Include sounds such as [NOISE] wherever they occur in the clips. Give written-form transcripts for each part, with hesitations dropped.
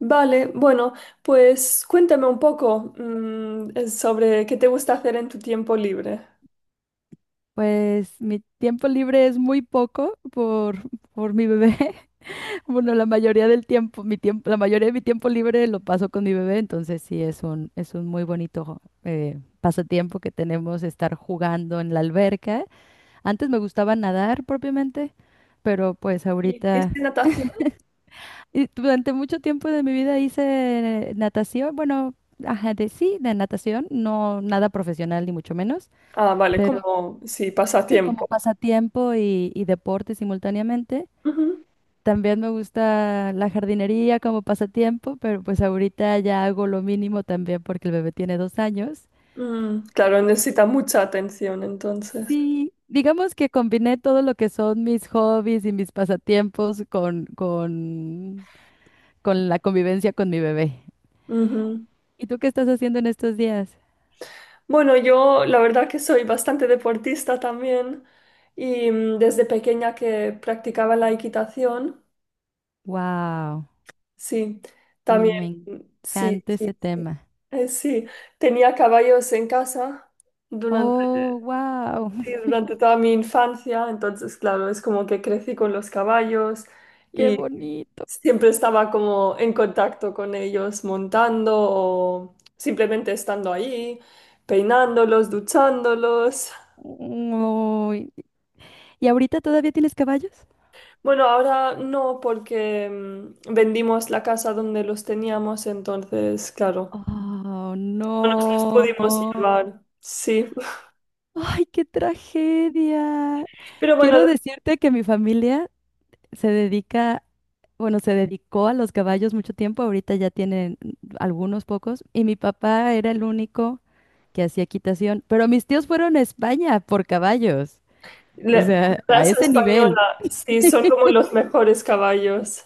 Vale, bueno, pues cuéntame un poco sobre qué te gusta hacer en tu tiempo libre. Pues mi tiempo libre es muy poco por mi bebé. [LAUGHS] Bueno, la mayoría del tiempo, la mayoría de mi tiempo libre lo paso con mi bebé, entonces sí es un muy bonito pasatiempo que tenemos estar jugando en la alberca. Antes me gustaba nadar propiamente, pero pues ahorita, ¿Hiciste natación? y durante mucho tiempo de mi vida hice natación, bueno, ajá, de natación, no nada profesional ni mucho menos. Ah, vale, como sí, Sí, como pasatiempo. pasatiempo y deporte simultáneamente. Ujú. También me gusta la jardinería como pasatiempo, pero pues ahorita ya hago lo mínimo también porque el bebé tiene 2 años. Mm, claro, necesita mucha atención entonces. Sí, digamos que combiné todo lo que son mis hobbies y mis pasatiempos con la convivencia con mi bebé. Ujú. ¿Y tú qué estás haciendo en estos días? Bueno, yo la verdad que soy bastante deportista también y desde pequeña que practicaba la equitación, Wow, sí, también, me mm, sí, encanta ese sí, sí. tema. Sí, tenía caballos en casa durante Oh, wow, sí, durante toda mi infancia, entonces, claro, es como que crecí con los caballos [LAUGHS] qué y bonito. siempre estaba como en contacto con ellos montando o simplemente estando ahí, peinándolos, duchándolos. Uy, ¿y ahorita todavía tienes caballos? Bueno, ahora no porque vendimos la casa donde los teníamos, entonces, claro, Oh, no nos los pudimos no. llevar. Sí, Ay, qué tragedia. pero bueno, Quiero decirte que mi familia se dedica, bueno, se dedicó a los caballos mucho tiempo, ahorita ya tienen algunos pocos, y mi papá era el único que hacía equitación, pero mis tíos fueron a España por caballos, o la sea, a raza ese nivel. española, sí, son como los mejores caballos.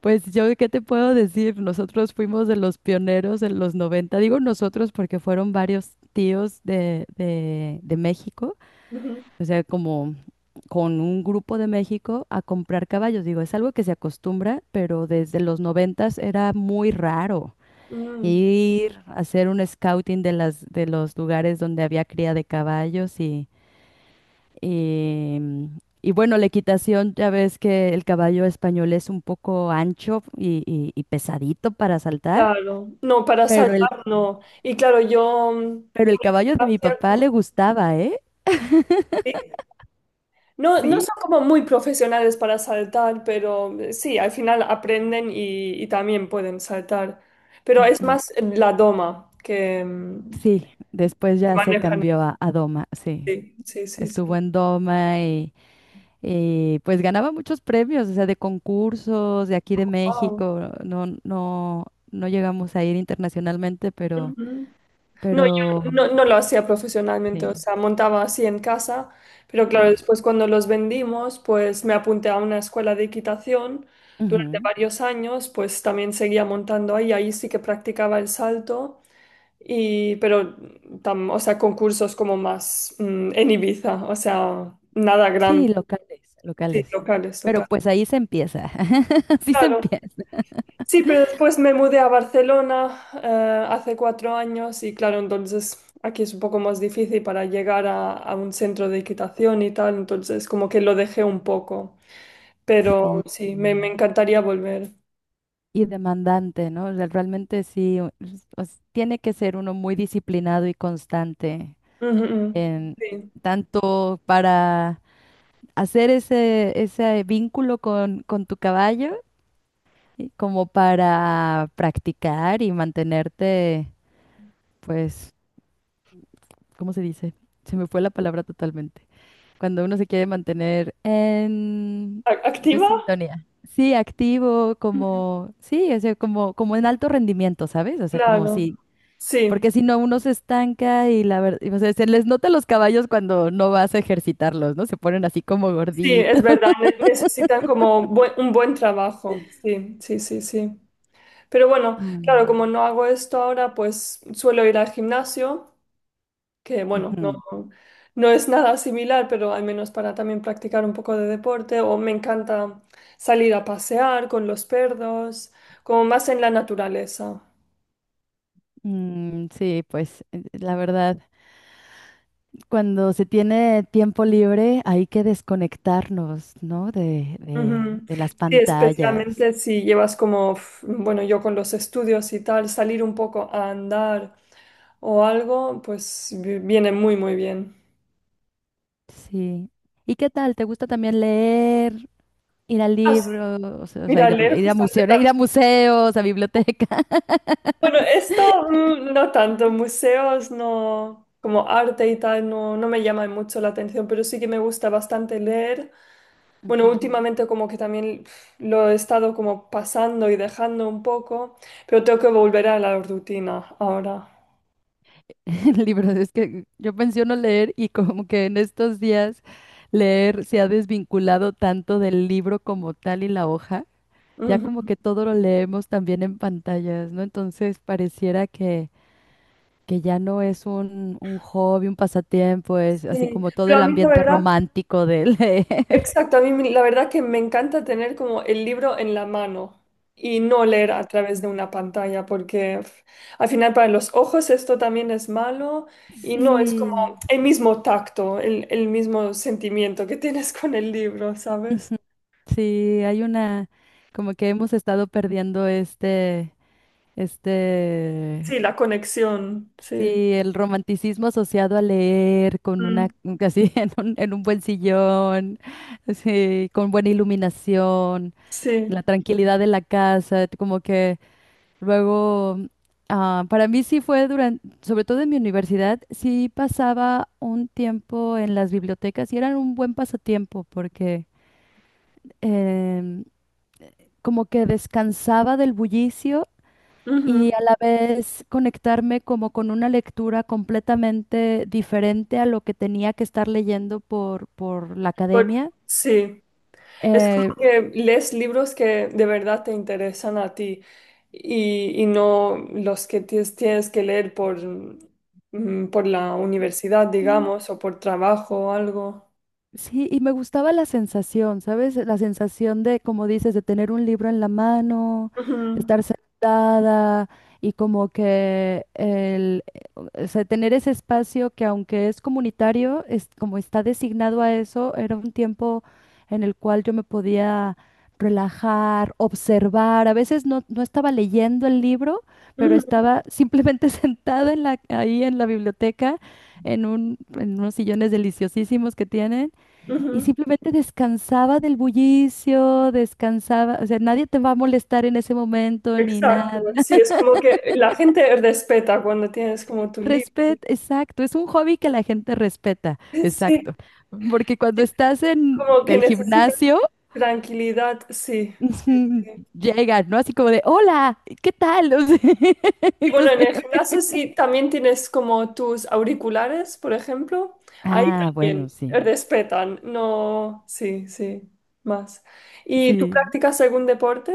Pues yo, ¿qué te puedo decir? Nosotros fuimos de los pioneros en los 90. Digo nosotros porque fueron varios tíos de México, Ujú. o sea, como con un grupo de México a comprar caballos, digo, es algo que se acostumbra, pero desde los noventas era muy raro Mm. ir a hacer un scouting de de los lugares donde había cría de caballos y, y bueno, la equitación, ya ves que el caballo español es un poco ancho y pesadito para saltar, Claro, no, para pero el, saltar no. Y claro, yo pero el caballo de mi hacía papá como- le gustaba, ¿eh? sí. No, no Sí. son como muy profesionales para saltar, pero sí, al final aprenden y también pueden saltar. Pero es Ujú. más la doma que, Sí, después que ya se manejan. cambió a doma, sí. Sí, sí, sí, Estuvo sí. en doma y, pues ganaba muchos premios, o sea, de concursos de aquí de México. No, no, no llegamos a ir internacionalmente, Wow. No, pero yo no, no lo hacía profesionalmente, o sí. sea, montaba así en casa, pero claro, después cuando los vendimos, pues me apunté a una escuela de equitación durante Uf. varios años, pues también seguía montando ahí, ahí sí que practicaba el salto, y, pero, o sea, concursos como más en Ibiza, o sea, nada Sí, grande, locales, sí, locales. locales, Pero locales. pues ahí se empieza, [LAUGHS] sí se Claro. empieza. Sí, pero después me mudé a Barcelona hace cuatro años y claro, entonces aquí es un poco más difícil para llegar a un centro de equitación y tal, entonces como que lo dejé un poco, pero Sí. sí, me encantaría volver. Y demandante, ¿no? O sea, realmente sí, tiene que ser uno muy disciplinado y constante Ujú, ujú. en Sí. tanto para hacer ese vínculo con tu caballo, y como para practicar y mantenerte, pues, ¿cómo se dice? Se me fue la palabra totalmente. Cuando uno se quiere mantener en ¿A- no es ¿Activa? sintonía. Sí, activo, como, sí, o sea, como, como en alto rendimiento, ¿sabes? O sea, como Claro. si, Sí, porque si no, uno se estanca y la verdad, o sea, se les nota a los caballos cuando no vas a ejercitarlos, ¿no? Se ponen así como sí, es gorditos. verdad, necesitan como un buen trabajo, sí, sí, sí, sí. Pero bueno, Ah. claro, como no hago esto ahora, pues suelo ir al gimnasio que bueno, no, Ujú. no es nada similar, pero al menos para también practicar un poco de deporte, o me encanta salir a pasear con los perros, como más en la naturaleza. Mm, sí, pues la verdad, cuando se tiene tiempo libre hay que desconectarnos, ¿no? Ujú. De las Sí, pantallas. especialmente si llevas como, bueno, yo con los estudios y tal, salir un poco a andar o algo, pues viene muy, muy bien. Sí. ¿Y qué tal? ¿Te gusta también leer, ir al Ah, sí. libro, o sea, o sea, Mira, ir a, leer ir a justamente ir a museos, a biblioteca? Bueno, esto no tanto, museos no, como arte y tal, no, no me llama mucho la atención, pero sí que me gusta bastante leer. Bueno, Ujú. últimamente como que también pf, lo he estado como pasando y dejando un poco, pero tengo que volver a la rutina ahora. [LAUGHS] Libros, es que yo menciono leer y como que en estos días leer se ha desvinculado tanto del libro como tal y la hoja, [LAUGHS] ya como Ujú. que todo lo leemos también en pantallas, ¿no? Entonces pareciera que ya no es un hobby, un pasatiempo, es así Sí, como todo pero a el mí la ambiente verdad romántico de leer. Exacto, a mí la verdad que me encanta tener como el libro en la mano y no leer a través de una pantalla, porque pf, al final para los ojos esto también es malo [LAUGHS] y no es como Sí. el mismo tacto, el mismo sentimiento que tienes con el libro, ¿sabes? Ujú. Sí, hay una, como que hemos estado perdiendo este, Sí, la conexión, sí. sí, el romanticismo asociado a leer con una, Mm, casi [LAUGHS] en un buen sillón, sí, con buena iluminación, sí. la tranquilidad de la casa, como que luego, ah, para mí sí fue durante, sobre todo en mi universidad, sí pasaba un tiempo en las bibliotecas y eran un buen pasatiempo porque... em, como que descansaba del bullicio Ujú. y a la vez conectarme como con una lectura completamente diferente a lo que tenía que estar leyendo por la Por- academia. sí. Es como Eh, que lees libros que de verdad te interesan a ti y no los que tienes, tienes que leer por, por la universidad, digamos, o por trabajo o algo. Sí, y me gustaba la sensación, ¿sabes? La sensación de, como dices, de tener un libro en la mano, de Ujú, estar sentada y como que el, o sea, tener ese espacio que aunque es comunitario, es como está designado a eso, era un tiempo en el cual yo me podía relajar, observar. A veces no, no estaba leyendo el libro, pero estaba simplemente [LAUGHS] sentada en la, ahí en la biblioteca, en unos sillones deliciosísimos que tienen ujú, ujú. y simplemente descansaba del bullicio, descansaba, o sea, nadie te va a molestar en ese momento ni Exacto. nada. Sí, es como que la gente respeta cuando tienes como tu libro. Respeta, exacto, es un hobby que la gente respeta, exacto. Sí, Porque [LAUGHS] cuando sí, estás en como que el necesitas gimnasio, tranquilidad. Sí, [LAUGHS] sí, ujú, sí. llegan, ¿no? Así como de, hola, ¿qué tal? [LAUGHS] O sea, [LAUGHS] Y bueno, en entonces, el gimnasio sí también tienes como tus auriculares, por ejemplo. Ahí ah, bueno, también sí, respetan, no, sí, sí, más. ¿Y tú sí. practicas algún deporte?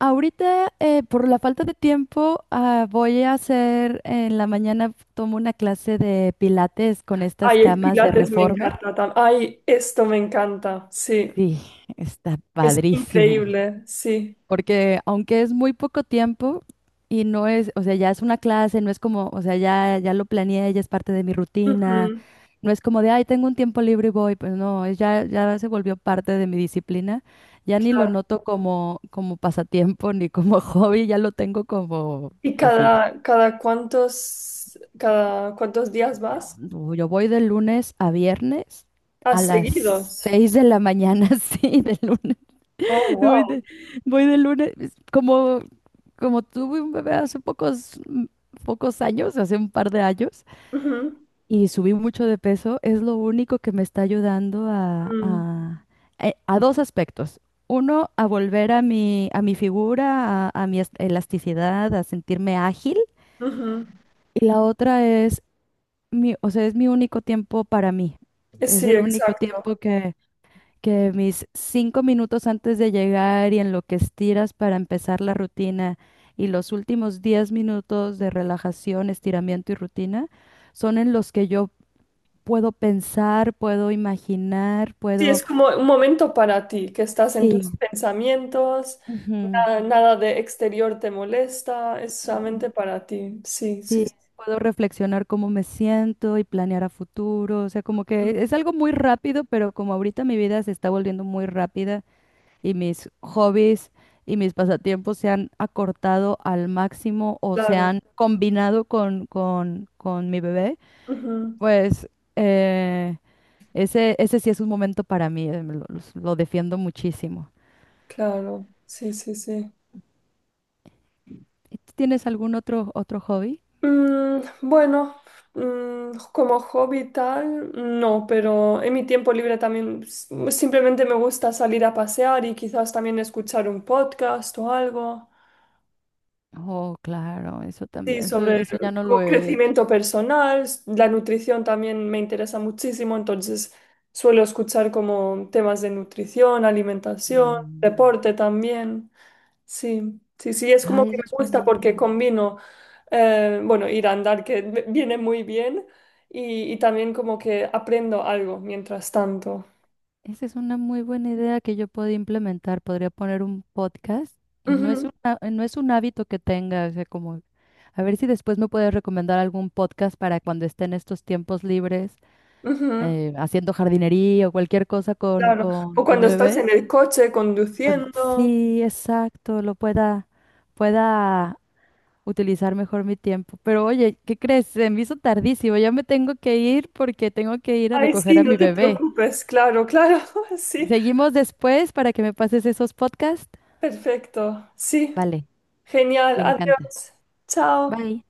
Ahorita, por la falta de tiempo, ah, voy a hacer en la mañana, tomo una clase de pilates con estas Ay, el camas de pilates me reformer. encanta también. Ay, esto me encanta, sí. Sí, está Es padrísimo. increíble, sí. Porque aunque es muy poco tiempo y no es, o sea, ya es una clase, no es como, o sea, ya lo planeé, ya es parte de mi rutina, Ujú, no es como de, ay, tengo un tiempo libre y voy, pues no, es ya, ya se volvió parte de mi disciplina, ya ni lo claro. noto como, como pasatiempo ni como [LAUGHS] hobby, ya lo tengo como ¿Y pues, así. cada, cada cuántos días Yo, vas? no, yo voy de lunes a viernes ¿A a las seguidos? 6 de la mañana, [LAUGHS] sí, de lunes. Oh, Voy wow. de, voy de lunes, como, como tuve un bebé hace pocos, mm, pocos años, hace un par de años, Ujú, y subí mucho de peso, es lo único que me está ayudando a, mm, a, a dos aspectos. Uno, a volver a a mi figura, a mi elasticidad, a sentirme ágil. ujú. Y la otra es mi, o sea, es mi único tiempo para mí. Es Sí, el único exacto. tiempo que mis 5 minutos antes de llegar y en lo que estiras para empezar la rutina y los últimos 10 minutos de relajación, estiramiento y rutina son en los que yo puedo pensar, puedo imaginar, Sí, puedo, es como un momento para ti, que estás en tus sí, pensamientos, ujú, nada, nada de exterior te molesta, es ujú, solamente para ti. Sí, sí, sí, sí. puedo reflexionar cómo me siento y planear a futuro, o sea, como que es algo muy rápido, pero como ahorita mi vida se está volviendo muy rápida y mis hobbies y mis pasatiempos se han acortado al máximo o se Claro, han combinado con mi bebé, ujú, pues eh, ese, ese sí es un momento para mí, lo defiendo muchísimo. claro, sí, sí, sí. ¿Y tú tienes algún otro, otro hobby? Mm, bueno, como hobby tal, no, pero en mi tiempo libre también simplemente me gusta salir a pasear y quizás también escuchar un podcast o algo. Oh, claro, eso Sí, también, eso, sobre eso ya no como lo he hecho. crecimiento personal, la nutrición también me interesa muchísimo, entonces suelo escuchar como temas de nutrición, alimentación, Mm. deporte también. Sí, sí, sí, es como Ay, que eso me es buena gusta porque idea. combino, bueno, ir a andar que viene muy bien y también como que aprendo algo mientras tanto. Esa es una muy buena idea que yo podría implementar. Podría poner un podcast y no es Ujú, un, no es un hábito que tenga, o sea, como a ver si después me puedes recomendar algún podcast para cuando esté en estos tiempos libres ujú, haciendo jardinería o cualquier cosa claro, o con cuando mi estás bebé. en el coche conduciendo. Sí, exacto, lo pueda, pueda utilizar mejor mi tiempo. Pero oye, ¿qué crees? Se me hizo tardísimo, ya me tengo que ir porque tengo que ir a Ay, recoger sí, a no mi te bebé. preocupes, claro, claro, [LAUGHS] sí. Seguimos después para que me pases esos podcasts. Perfecto. Sí, Vale, genial. me encanta. Adiós. Chao. Bye.